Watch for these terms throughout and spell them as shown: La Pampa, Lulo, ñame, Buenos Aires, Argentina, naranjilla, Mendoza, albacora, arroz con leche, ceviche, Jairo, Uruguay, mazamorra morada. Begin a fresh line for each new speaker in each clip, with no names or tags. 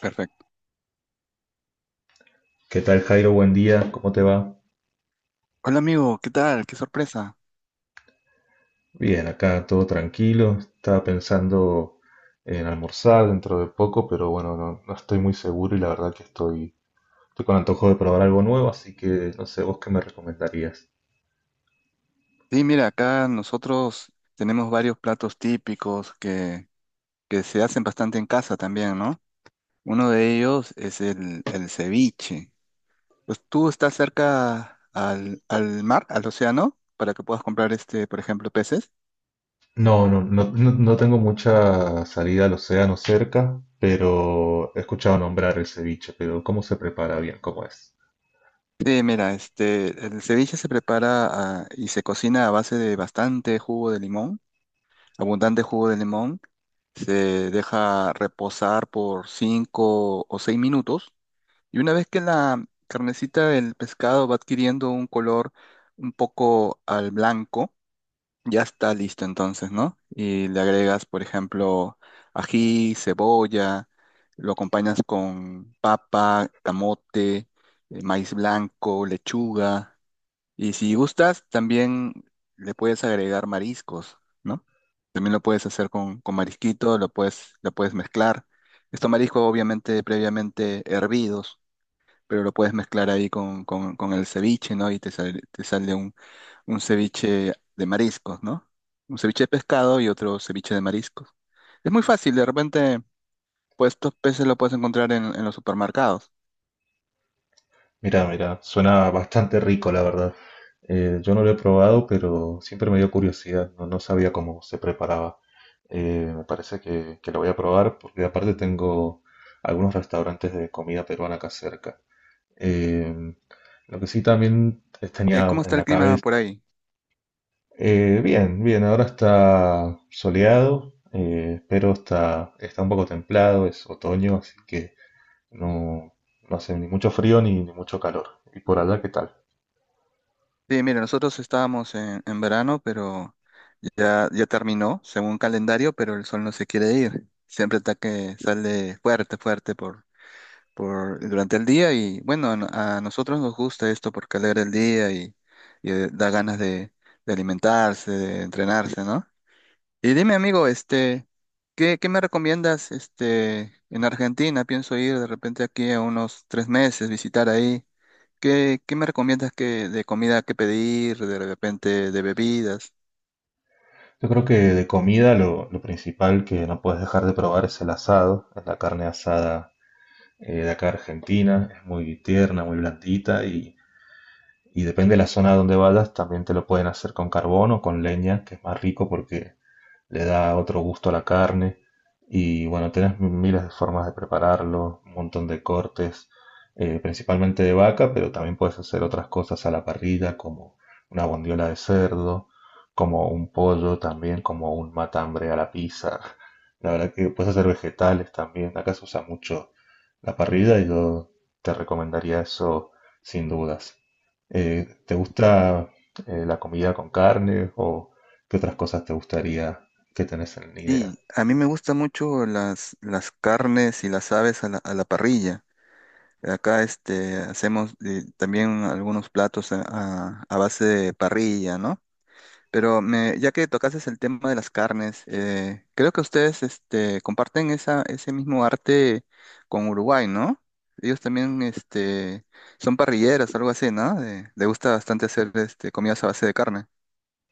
Perfecto.
¿Qué tal, Jairo? Buen día, ¿cómo te va?
Hola amigo, ¿qué tal? Qué sorpresa.
Bien, acá todo tranquilo. Estaba pensando en almorzar dentro de poco, pero bueno, no, no estoy muy seguro y la verdad que estoy con antojo de probar algo nuevo, así que no sé, ¿vos qué me recomendarías?
Sí, mira, acá nosotros tenemos varios platos típicos que se hacen bastante en casa también, ¿no? Uno de ellos es el ceviche. Pues tú estás cerca al mar, al océano, para que puedas comprar por ejemplo, peces.
No, no, no, no, no tengo mucha salida al océano cerca, pero he escuchado nombrar el ceviche, pero ¿cómo se prepara bien? ¿Cómo es?
Sí, mira, el ceviche se prepara y se cocina a base de bastante jugo de limón, abundante jugo de limón. Se deja reposar por 5 o 6 minutos y una vez que la carnecita del pescado va adquiriendo un color un poco al blanco, ya está listo entonces, ¿no? Y le agregas, por ejemplo, ají, cebolla, lo acompañas con papa, camote, maíz blanco, lechuga. Y si gustas, también le puedes agregar mariscos, ¿no? También lo puedes hacer con marisquito, lo puedes mezclar. Estos mariscos obviamente previamente hervidos, pero lo puedes mezclar ahí con el ceviche, ¿no? Y te sale un ceviche de mariscos, ¿no? Un ceviche de pescado y otro ceviche de mariscos. Es muy fácil, de repente, pues estos peces lo puedes encontrar en los supermercados.
Mira, mira, suena bastante rico, la verdad. Yo no lo he probado, pero siempre me dio curiosidad. No, no sabía cómo se preparaba. Me parece que lo voy a probar porque aparte tengo algunos restaurantes de comida peruana acá cerca. Eh, lo que sí también tenía
¿Cómo
en
está
la
el clima
cabeza.
por ahí?
Bien, bien, ahora está soleado, pero está un poco templado, es otoño, así que no, no hace ni mucho frío ni, ni mucho calor. ¿Y por allá qué tal?
Sí, mira, nosotros estábamos en verano, pero ya, ya terminó, según calendario, pero el sol no se quiere ir. Siempre está que sale fuerte, fuerte durante el día y bueno, a, no- a nosotros nos gusta esto porque alegra el día y, da ganas de alimentarse, de entrenarse, ¿no? Y dime, amigo, ¿qué me recomiendas, en Argentina? Pienso ir de repente aquí a unos 3 meses, visitar ahí. ¿Qué me recomiendas que, de comida que pedir, de repente de bebidas?
Yo creo que de comida lo principal que no puedes dejar de probar es el asado, es la carne asada de acá Argentina, es muy tierna, muy blandita y depende de la zona donde vayas, también te lo pueden hacer con carbón o con leña, que es más rico porque le da otro gusto a la carne. Y bueno, tenés miles de formas de prepararlo, un montón de cortes, principalmente de vaca, pero también puedes hacer otras cosas a la parrilla, como una bondiola de cerdo, como un pollo también, como un matambre a la pizza. La verdad que puedes hacer vegetales también. Acá se usa mucho la parrilla y yo te recomendaría eso sin dudas. ¿Te gusta la comida con carne o qué otras cosas te gustaría que tenés ni idea?
Sí, a mí me gustan mucho las carnes y las aves a la parrilla. Acá hacemos también algunos platos a base de parrilla, ¿no? Pero ya que tocases el tema de las carnes, creo que ustedes comparten ese mismo arte con Uruguay, ¿no? Ellos también son parrilleras, algo así, ¿no? Le gusta bastante hacer comidas a base de carne.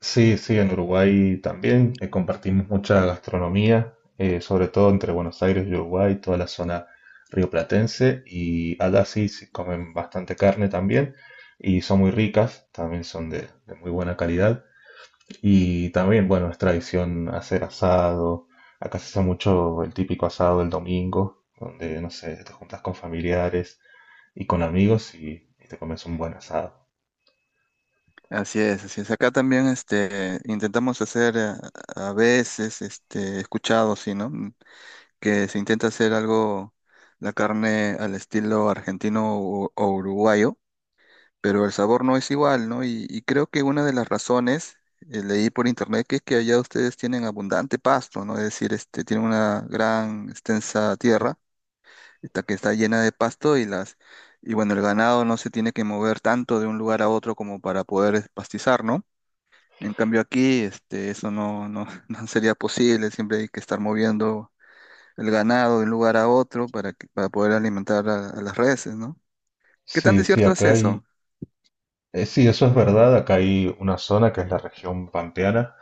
Sí, sí, en Uruguay también compartimos mucha gastronomía, sobre todo entre Buenos Aires y Uruguay, toda la zona rioplatense, y allá sí, sí comen bastante carne también, y son muy ricas, también son de muy buena calidad, y también, bueno, es tradición hacer asado, acá se hace mucho el típico asado del domingo, donde, no sé, te juntas con familiares y con amigos y te comes un buen asado.
Así es, así es. Acá también intentamos hacer a, veces, escuchado, sí, ¿no? Que se intenta hacer algo, la carne al estilo argentino o uruguayo, pero el sabor no es igual, ¿no? Y creo que una de las razones, leí por internet, que es que allá ustedes tienen abundante pasto, ¿no? Es decir, tienen una gran extensa tierra esta que está llena de pasto y las... Y bueno, el ganado no se tiene que mover tanto de un lugar a otro como para poder pastizar, ¿no? En cambio aquí, eso no, no, no sería posible, siempre hay que estar moviendo el ganado de un lugar a otro para poder alimentar a las reses, ¿no? ¿Qué tan
Sí, sí,
desierto es
acá hay,
eso?
eh, sí, eso es verdad. Acá hay una zona que es la región pampeana,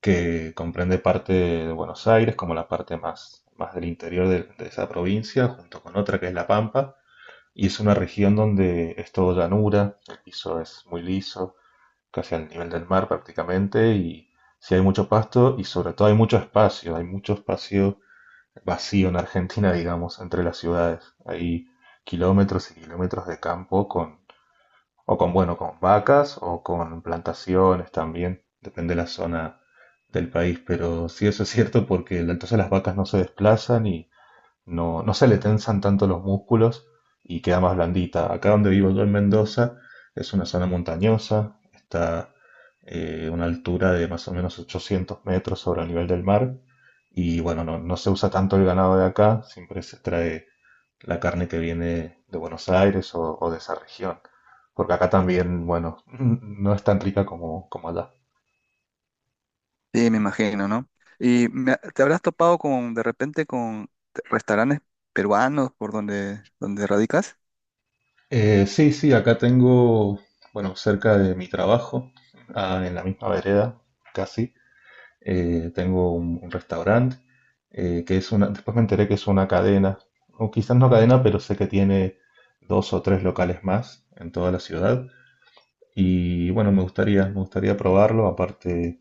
que comprende parte de Buenos Aires, como la parte más, más del interior de esa provincia, junto con otra que es La Pampa. Y es una región donde es todo llanura, el piso es muy liso, casi al nivel del mar prácticamente, y sí hay mucho pasto y sobre todo hay mucho espacio vacío en Argentina, digamos, entre las ciudades. Hay kilómetros y kilómetros de campo con o con, bueno, con vacas o con plantaciones también, depende de la zona del país, pero sí eso es cierto porque la- entonces las vacas no se desplazan y no, no se le tensan tanto los músculos y queda más blandita. Acá donde vivo yo en Mendoza es una zona montañosa, está una altura de más o menos 800 metros sobre el nivel del mar y bueno, no, no se usa tanto el ganado de acá, siempre se trae la carne que viene de Buenos Aires o de esa región. Porque acá también, bueno, no es tan rica como, como allá.
Sí, me imagino, ¿no? Y te habrás topado con, de repente, restaurantes peruanos por donde radicas.
Sí, sí, acá tengo, bueno, cerca de mi trabajo, ah, en la misma vereda, casi, tengo un restaurante que es una, después me enteré que es una cadena, o quizás no cadena, pero sé que tiene dos o tres locales más en toda la ciudad. Y bueno, me gustaría probarlo, aparte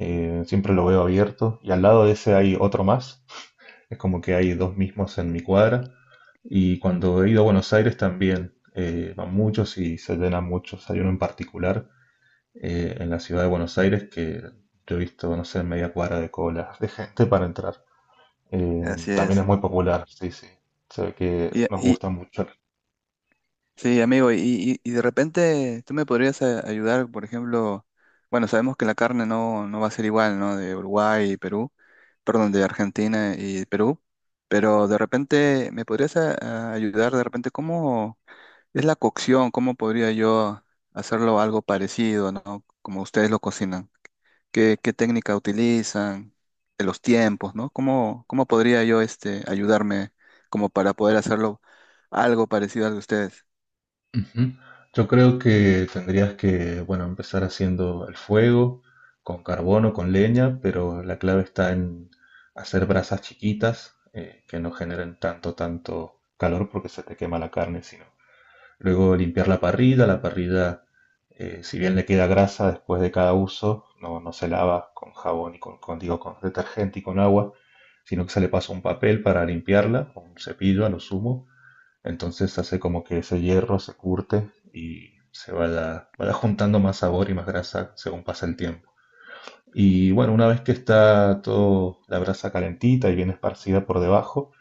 Siempre lo veo abierto y al lado de ese hay otro más. Es como que hay dos mismos en mi cuadra. Y cuando he ido a Buenos Aires también van muchos y se llenan muchos. Hay uno en particular en la ciudad de Buenos Aires que yo he visto, no sé, media cuadra de colas de gente para entrar.
Así
También es
es.
muy popular, sí, sí. Se ve que nos
Y-
gusta mucho.
sí, amigo, Y de repente tú me podrías ayudar, por ejemplo, bueno, sabemos que la carne no, no va a ser igual, ¿no? De Uruguay y Perú, perdón, de Argentina y Perú, pero de repente me podrías a ayudar de repente cómo es la cocción. ¿Cómo podría yo hacerlo algo parecido? ¿No? Como ustedes lo cocinan. ¿Qué técnica utilizan? Los tiempos, ¿no? ¿Cómo podría yo ayudarme como para poder hacerlo algo parecido al de ustedes?
Ujú. Yo creo que tendrías que, bueno, empezar haciendo el fuego con carbón o con leña, pero la clave está en hacer brasas chiquitas que no generen tanto, tanto calor porque se te quema la carne, sino. Luego limpiar la parrilla, si bien le queda grasa después de cada uso, no, no se lava con jabón y con, digo, con detergente y con agua, sino que se le pasa un papel para limpiarla, o un cepillo a lo sumo, entonces hace como que ese hierro se curte y se vaya juntando más sabor y más grasa según pasa el tiempo. Y bueno, una vez que está todo la brasa calentita y bien esparcida por debajo,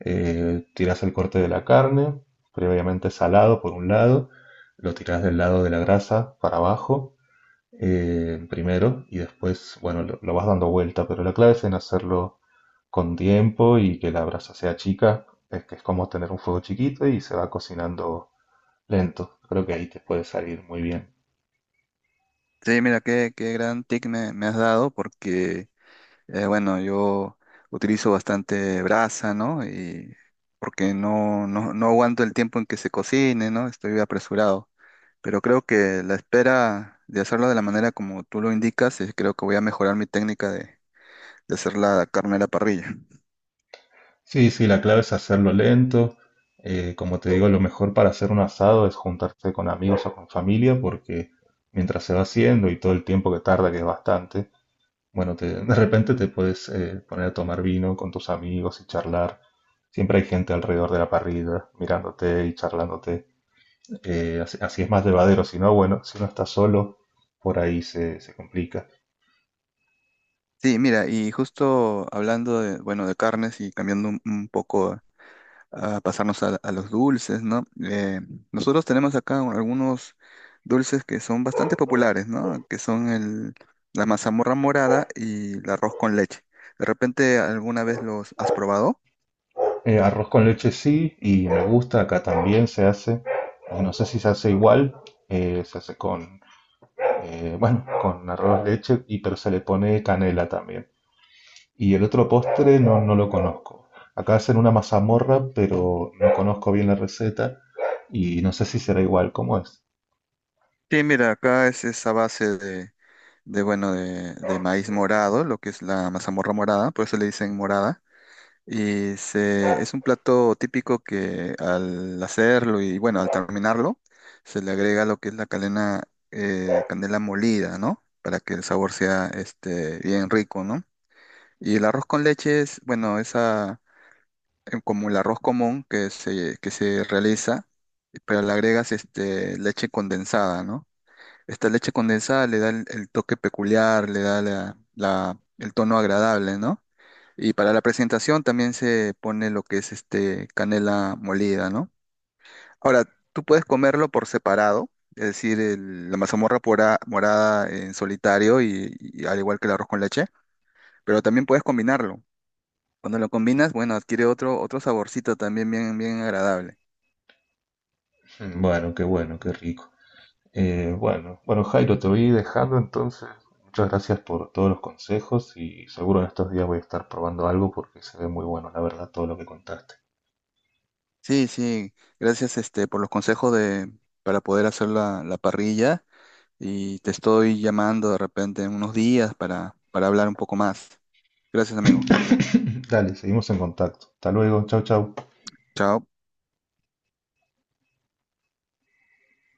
tiras el corte de la carne, previamente salado por un lado, lo tiras del lado de la grasa para abajo primero y después, bueno, lo vas dando vuelta, pero la clave es en hacerlo con tiempo y que la brasa sea chica, es que es como tener un fuego chiquito y se va cocinando lento, creo que ahí te puede salir muy bien.
Sí, mira, qué gran tip me has dado porque, bueno, yo utilizo bastante brasa, ¿no? Y porque no, no, no aguanto el tiempo en que se cocine, ¿no? Estoy apresurado. Pero creo que la espera de hacerlo de la manera como tú lo indicas, creo que voy a mejorar mi técnica de hacer la carne a la parrilla.
Sí, sí, la clave es hacerlo lento. Como te digo, lo mejor para hacer un asado es juntarse con amigos o con familia, porque mientras se va haciendo y todo el tiempo que tarda, que es bastante, bueno, te- de repente te puedes poner a tomar vino con tus amigos y charlar. Siempre hay gente alrededor de la parrilla, mirándote y charlándote. Así, así es más llevadero. Si no, bueno, si uno está solo, por ahí se complica.
Sí, mira, y justo hablando de, bueno, de carnes y cambiando un poco a pasarnos a los dulces, ¿no? Nosotros tenemos acá algunos dulces que son bastante populares, ¿no? Que son la mazamorra morada y el arroz con leche. ¿De repente alguna vez los has probado?
Arroz con leche sí, y me gusta, acá también se hace, no sé si se hace igual, se hace con, bueno, con arroz leche, y, pero se le pone canela también. Y el otro postre no, no lo conozco. Acá hacen una mazamorra, pero no conozco bien la receta y no sé si será igual, ¿cómo es?
Sí, mira, acá es esa base de bueno, de maíz morado, lo que es la mazamorra morada, por eso le dicen morada. Y es un plato típico que al hacerlo y bueno, al terminarlo, se le agrega lo que es candela molida, ¿no? Para que el sabor sea bien rico, ¿no? Y el arroz con leche es, bueno, esa, como el arroz común que se realiza, pero le agregas leche condensada, ¿no? Esta leche condensada le da el toque peculiar, le da el tono agradable, ¿no? Y para la presentación también se pone lo que es canela molida, ¿no? Ahora, tú puedes comerlo por separado, es decir, la mazamorra morada en solitario y al igual que el arroz con leche, pero también puedes combinarlo. Cuando lo combinas, bueno, adquiere otro saborcito también bien, bien agradable.
Mm, bueno, qué bueno, qué rico. Bueno, bueno Jairo, te voy dejando entonces. Muchas gracias por todos los consejos y seguro en estos días voy a estar probando algo porque se ve muy bueno, la verdad, todo lo que contaste.
Sí, sí, gracias por los consejos para poder hacer la parrilla. Y te estoy llamando de repente en unos días para hablar un poco más. Gracias, amigo.
Dale, seguimos en contacto. Hasta luego, chau, chau.
Chao.